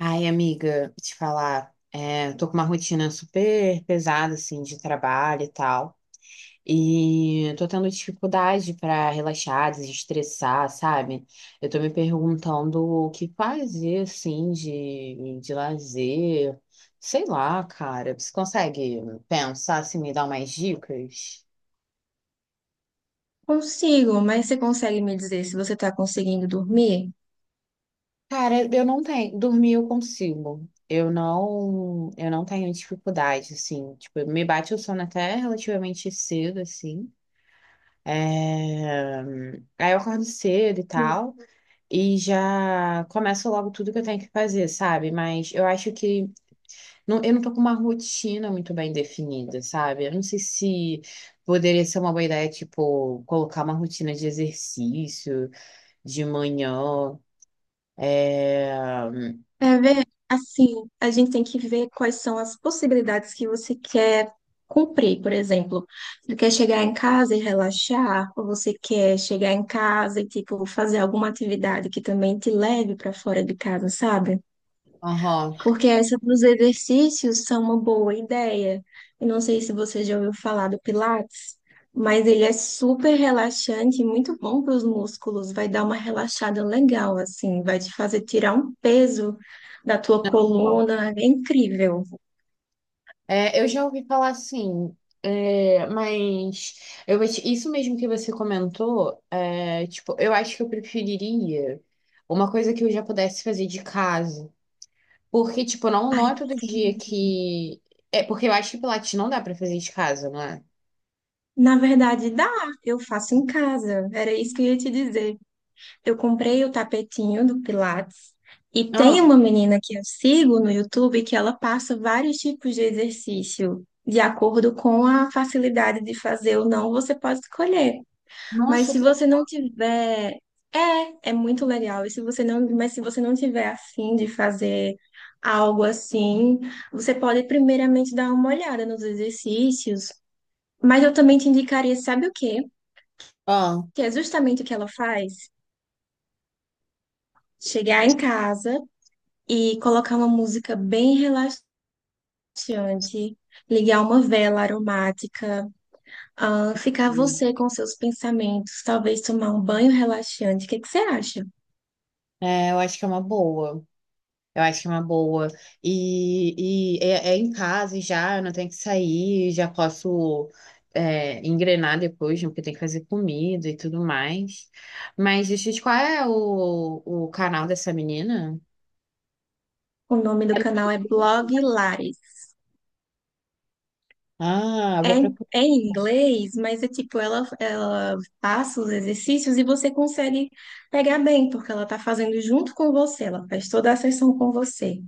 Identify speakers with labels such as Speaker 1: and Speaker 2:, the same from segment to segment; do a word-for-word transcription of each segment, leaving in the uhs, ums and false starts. Speaker 1: Ai, amiga, te falar, é, tô com uma rotina super pesada, assim, de trabalho e tal. E tô tendo dificuldade pra relaxar, desestressar, sabe? Eu tô me perguntando o que fazer, assim, de, de lazer. Sei lá, cara. Você consegue pensar, assim, me dar umas dicas?
Speaker 2: Consigo, mas você consegue me dizer se você está conseguindo dormir?
Speaker 1: Cara, eu não tenho. Dormir eu consigo. Eu não, eu não tenho dificuldade, assim. Tipo, me bate o sono até relativamente cedo, assim. É. Aí eu acordo cedo e
Speaker 2: Hum.
Speaker 1: tal. E já começo logo tudo que eu tenho que fazer, sabe? Mas eu acho que não, eu não tô com uma rotina muito bem definida, sabe? Eu não sei se poderia ser uma boa ideia, tipo, colocar uma rotina de exercício de manhã. É...
Speaker 2: É ver, assim, a gente tem que ver quais são as possibilidades que você quer cumprir, por exemplo. Você quer chegar em casa e relaxar, ou você quer chegar em casa e, tipo, fazer alguma atividade que também te leve para fora de casa, sabe?
Speaker 1: Aham.
Speaker 2: Porque essa dos exercícios são uma boa ideia. Eu não sei se você já ouviu falar do Pilates, mas ele é super relaxante e muito bom para os músculos. Vai dar uma relaxada legal, assim, vai te fazer tirar um peso da tua coluna. É incrível.
Speaker 1: É, eu já ouvi falar assim, é, mas eu vou te- isso mesmo que você comentou, é, tipo, eu acho que eu preferiria uma coisa que eu já pudesse fazer de casa. Porque, tipo, não, não é
Speaker 2: Ai,
Speaker 1: todo
Speaker 2: sim.
Speaker 1: dia que. É porque eu acho que Pilates não dá pra fazer de casa, não é?
Speaker 2: Na verdade, dá. Eu faço em casa. Era isso que eu ia te dizer. Eu comprei o tapetinho do Pilates e tem
Speaker 1: Ah,
Speaker 2: uma menina que eu sigo no YouTube que ela passa vários tipos de exercício. De acordo com a facilidade de fazer ou não, você pode escolher. Mas
Speaker 1: nossa,
Speaker 2: se
Speaker 1: que.
Speaker 2: você não tiver, é, é muito legal. E se você não, mas se você não tiver afim de fazer algo assim, você pode primeiramente dar uma olhada nos exercícios. Mas eu também te indicaria, sabe o quê?
Speaker 1: Ah,
Speaker 2: Que é justamente o que ela faz. Chegar em casa e colocar uma música bem relaxante, ligar uma vela aromática, ah, ficar você com seus pensamentos, talvez tomar um banho relaxante. O que que você acha?
Speaker 1: é, eu acho que é uma boa. Eu acho que é uma boa. E, e é, é em casa e já, eu não tenho que sair, já posso é, engrenar depois, né, porque tem que fazer comida e tudo mais. Mas deixa eu te qual é o, o canal dessa menina?
Speaker 2: O nome do
Speaker 1: É no-
Speaker 2: canal é Blog Lares.
Speaker 1: Ah, eu
Speaker 2: É,
Speaker 1: vou
Speaker 2: em-
Speaker 1: procurar.
Speaker 2: é em inglês, mas é tipo, ela, ela passa os exercícios e você consegue pegar bem, porque ela tá fazendo junto com você, ela faz toda a sessão com você.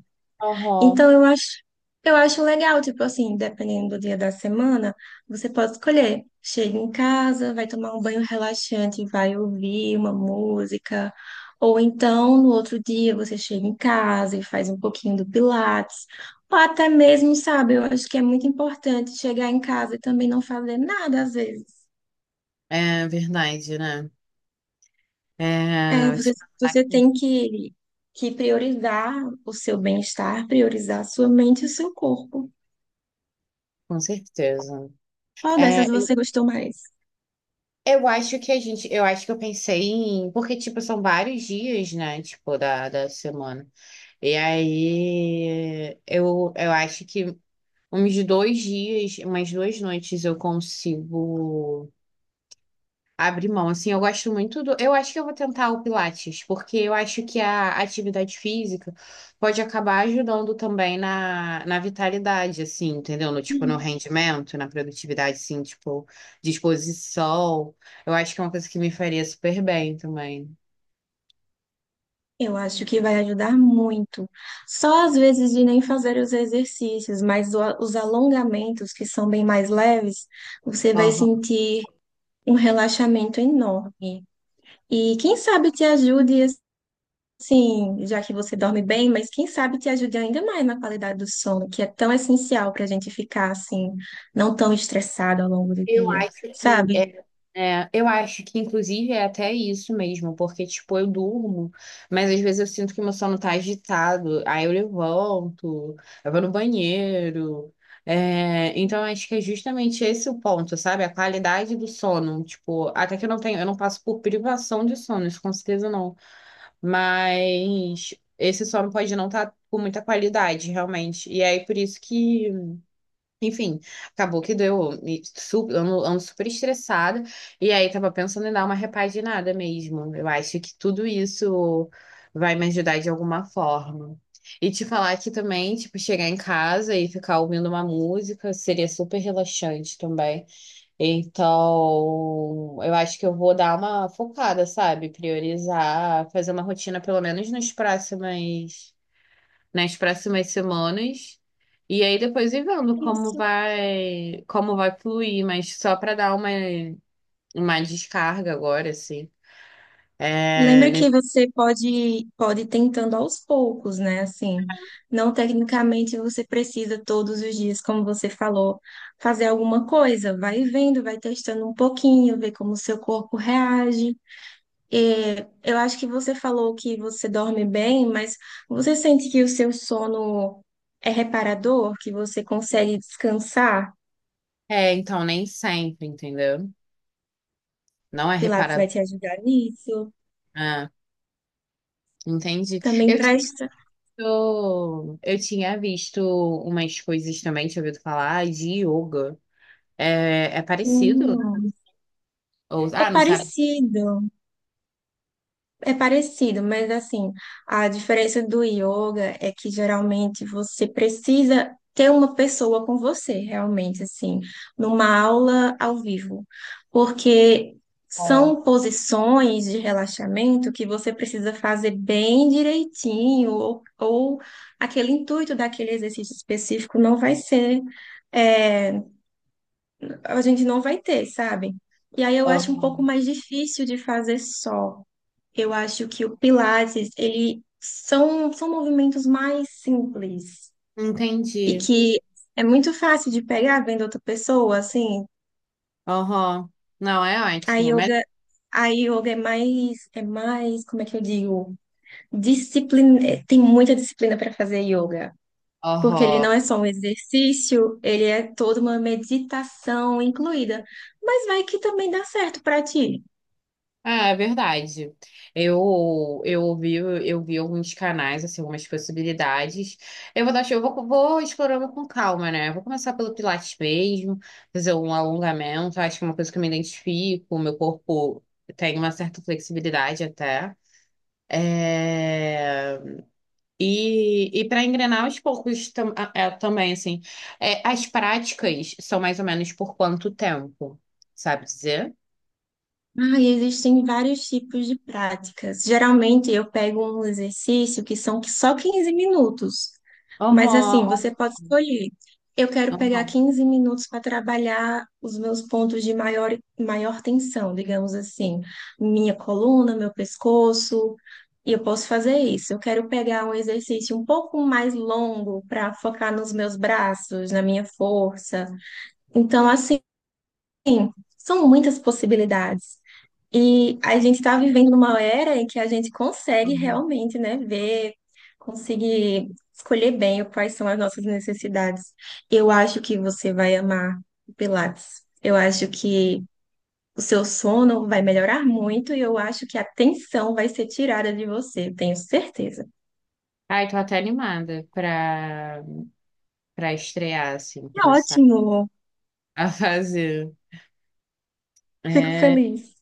Speaker 1: Aham.
Speaker 2: Então eu acho, eu acho legal, tipo assim, dependendo do dia da semana, você pode escolher. Chega em casa, vai tomar um banho relaxante, vai ouvir uma música, ou então no outro dia você chega em casa e faz um pouquinho do Pilates, ou até mesmo, sabe, eu acho que é muito importante chegar em casa e também não fazer nada às vezes.
Speaker 1: É verdade, né?
Speaker 2: É,
Speaker 1: É,
Speaker 2: você,
Speaker 1: tipo,
Speaker 2: você tem que, que priorizar o seu bem-estar, priorizar a sua mente e o seu corpo.
Speaker 1: com certeza.
Speaker 2: Qual dessas
Speaker 1: É,
Speaker 2: você gostou mais?
Speaker 1: eu acho que a gente, eu acho que eu pensei em, porque, tipo, são vários dias, né? Tipo, da, da semana. E aí, eu, eu acho que uns dois dias, umas duas noites eu consigo abrir mão. Assim, eu gosto muito do. Eu acho que eu vou tentar o Pilates, porque eu acho que a atividade física pode acabar ajudando também na, na vitalidade, assim, entendeu? No, tipo, no rendimento, na produtividade, assim, tipo, disposição. Eu acho que é uma coisa que me faria super bem também.
Speaker 2: Eu acho que vai ajudar muito. Só às vezes de nem fazer os exercícios, mas o- os alongamentos, que são bem mais leves, você vai sentir um relaxamento enorme. E quem sabe te ajude, assim, já que você dorme bem, mas quem sabe te ajude ainda mais na qualidade do sono, que é tão essencial para a gente ficar, assim, não tão estressado ao longo do
Speaker 1: Eu
Speaker 2: dia,
Speaker 1: acho que
Speaker 2: sabe?
Speaker 1: é, é, eu acho que inclusive é até isso mesmo, porque tipo eu durmo, mas às vezes eu sinto que meu sono tá agitado, aí eu levanto, eu vou no banheiro. É, então acho que é justamente esse o ponto, sabe? A qualidade do sono, tipo, até que eu não tenho, eu não passo por privação de sono, isso com certeza não, mas esse sono pode não estar com muita qualidade, realmente. E aí por isso que enfim, acabou que deu. me su- Ando, ando super estressada. E aí, tava pensando em dar uma repaginada mesmo. Eu acho que tudo isso vai me ajudar de alguma forma. E te falar que também, tipo, chegar em casa e ficar ouvindo uma música seria super relaxante também. Então, eu acho que eu vou dar uma focada, sabe? Priorizar, fazer uma rotina, pelo menos nos próximos nas próximas semanas. E aí depois ir vendo como vai, como vai fluir, mas só para dar uma, uma descarga agora, assim. É,
Speaker 2: Lembra que
Speaker 1: nesse-
Speaker 2: você pode pode ir tentando aos poucos, né? Assim, não tecnicamente você precisa todos os dias, como você falou, fazer alguma coisa. Vai vendo, vai testando um pouquinho, ver como o seu corpo reage. É, eu acho que você falou que você dorme bem, mas você sente que o seu sono é reparador, que você consegue descansar?
Speaker 1: é, então nem sempre, entendeu? Não
Speaker 2: O
Speaker 1: é
Speaker 2: Pilates
Speaker 1: reparado.
Speaker 2: vai te ajudar nisso.
Speaker 1: Ah, entendi.
Speaker 2: Também
Speaker 1: Eu tinha,
Speaker 2: presta.
Speaker 1: eu, eu tinha visto umas coisas também, tinha ouvido falar de yoga. É, é parecido?
Speaker 2: Hum,
Speaker 1: Ou,
Speaker 2: é
Speaker 1: ah, não sabe?
Speaker 2: parecido. É parecido, mas assim, a diferença do yoga é que geralmente você precisa ter uma pessoa com você, realmente, assim, numa aula ao vivo, porque
Speaker 1: Ó,
Speaker 2: são posições de relaxamento que você precisa fazer bem direitinho, ou, ou aquele intuito daquele exercício específico não vai ser, é, a gente não vai ter, sabe? E aí eu
Speaker 1: ó.
Speaker 2: acho um pouco mais difícil de fazer só. Eu acho que o Pilates, ele são, são movimentos mais simples e
Speaker 1: Entendi.
Speaker 2: que é muito fácil de pegar vendo outra pessoa, assim.
Speaker 1: Aham. Não, é
Speaker 2: A
Speaker 1: ótimo. Melhor.
Speaker 2: yoga, a yoga é mais, é mais, como é que eu digo? Disciplina, é, tem muita disciplina para fazer yoga, porque ele
Speaker 1: Aham.
Speaker 2: não é só um exercício, ele é toda uma meditação incluída. Mas vai que também dá certo para ti.
Speaker 1: Ah, é verdade. Eu eu ouvi eu vi alguns canais assim, algumas possibilidades. Eu vou dar, eu vou, vou explorando com calma, né? Vou começar pelo Pilates mesmo, fazer um alongamento. Acho que é uma coisa que eu me identifico. Meu corpo tem uma certa flexibilidade até. É, E, e para engrenar aos poucos tam- é, também assim, é, as práticas são mais ou menos por quanto tempo, sabe dizer?
Speaker 2: Ah, e existem vários tipos de práticas. Geralmente eu pego um exercício que são só quinze minutos, mas assim,
Speaker 1: Aham,
Speaker 2: você pode escolher. Eu quero pegar
Speaker 1: aham.
Speaker 2: quinze minutos para trabalhar os meus pontos de maior, maior tensão, digamos assim, minha coluna, meu pescoço, e eu posso fazer isso. Eu quero pegar um exercício um pouco mais longo para focar nos meus braços, na minha força. Então, assim, sim, são muitas possibilidades. E a gente está vivendo numa era em que a gente consegue realmente, né, ver, conseguir escolher bem quais são as nossas necessidades. Eu acho que você vai amar o Pilates. Eu acho que o seu sono vai melhorar muito e eu acho que a tensão vai ser tirada de você, tenho certeza.
Speaker 1: Ai, tô até animada pra, pra estrear, assim,
Speaker 2: É
Speaker 1: começar
Speaker 2: ótimo,
Speaker 1: a fazer.
Speaker 2: fico
Speaker 1: É,
Speaker 2: feliz.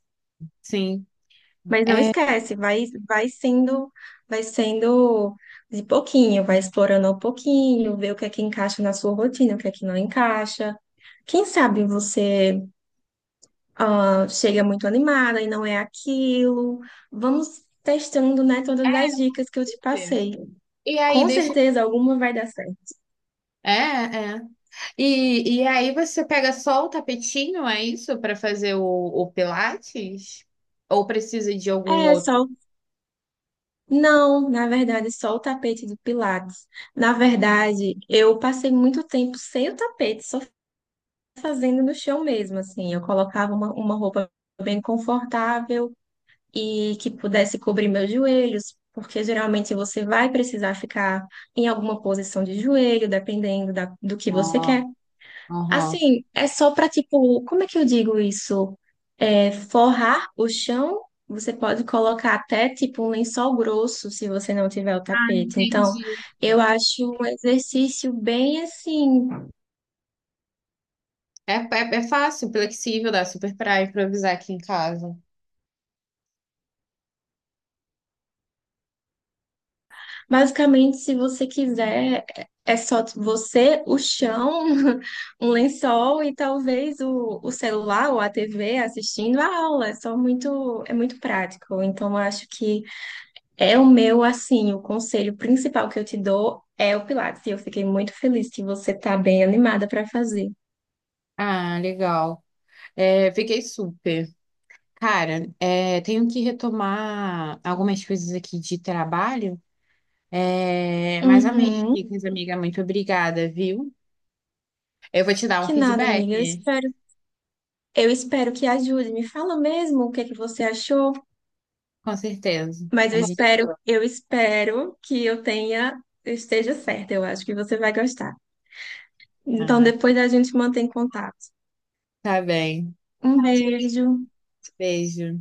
Speaker 1: sim.
Speaker 2: Mas não
Speaker 1: É.
Speaker 2: esquece, vai, vai sendo, vai sendo de pouquinho, vai explorando ao pouquinho, ver o que é que encaixa na sua rotina, o que é que não encaixa. Quem sabe você ah, chega muito animada e não é aquilo. Vamos testando, né, todas as dicas que eu te passei.
Speaker 1: E aí,
Speaker 2: Com
Speaker 1: deixa.
Speaker 2: certeza alguma vai dar certo.
Speaker 1: É, é. E, e aí você pega só o tapetinho, é isso, pra fazer o, o Pilates? Ou precisa de algum
Speaker 2: É,
Speaker 1: outro?
Speaker 2: só. Não, na verdade, só o tapete de Pilates. Na verdade, eu passei muito tempo sem o tapete, só fazendo no chão mesmo, assim. Eu colocava uma, uma roupa bem confortável e que pudesse cobrir meus joelhos, porque geralmente você vai precisar ficar em alguma posição de joelho, dependendo da, do que você
Speaker 1: Ah,
Speaker 2: quer.
Speaker 1: aham.
Speaker 2: Assim, é só para, tipo, como é que eu digo isso? É, forrar o chão. Você pode colocar até tipo um lençol grosso se você não tiver o tapete. Então,
Speaker 1: Entendi.
Speaker 2: eu acho um exercício bem assim.
Speaker 1: É, é, é fácil, flexível, dá super pra improvisar aqui em casa.
Speaker 2: Basicamente, se você quiser, é só você, o chão, um lençol e talvez o, o celular ou a T V assistindo a aula. É só muito, é muito prático. Então, eu acho que é o meu, assim, o conselho principal que eu te dou é o Pilates. E eu fiquei muito feliz que você tá bem animada para fazer.
Speaker 1: Ah, legal. É, fiquei super. Cara, é, tenho que retomar algumas coisas aqui de trabalho, é, mas amei,
Speaker 2: Uhum.
Speaker 1: Nicas, amiga, muito obrigada, viu? Eu vou te dar um
Speaker 2: Que nada,
Speaker 1: feedback,
Speaker 2: amiga. Eu espero, eu espero que ajude. Me fala mesmo o que é que você achou.
Speaker 1: com certeza.
Speaker 2: Mas
Speaker 1: A
Speaker 2: eu
Speaker 1: gente...
Speaker 2: espero, eu espero que eu tenha, eu esteja certa. Eu acho que você vai gostar. Então
Speaker 1: Ai,
Speaker 2: depois a gente mantém contato.
Speaker 1: tá bem.
Speaker 2: Um beijo.
Speaker 1: Beijo.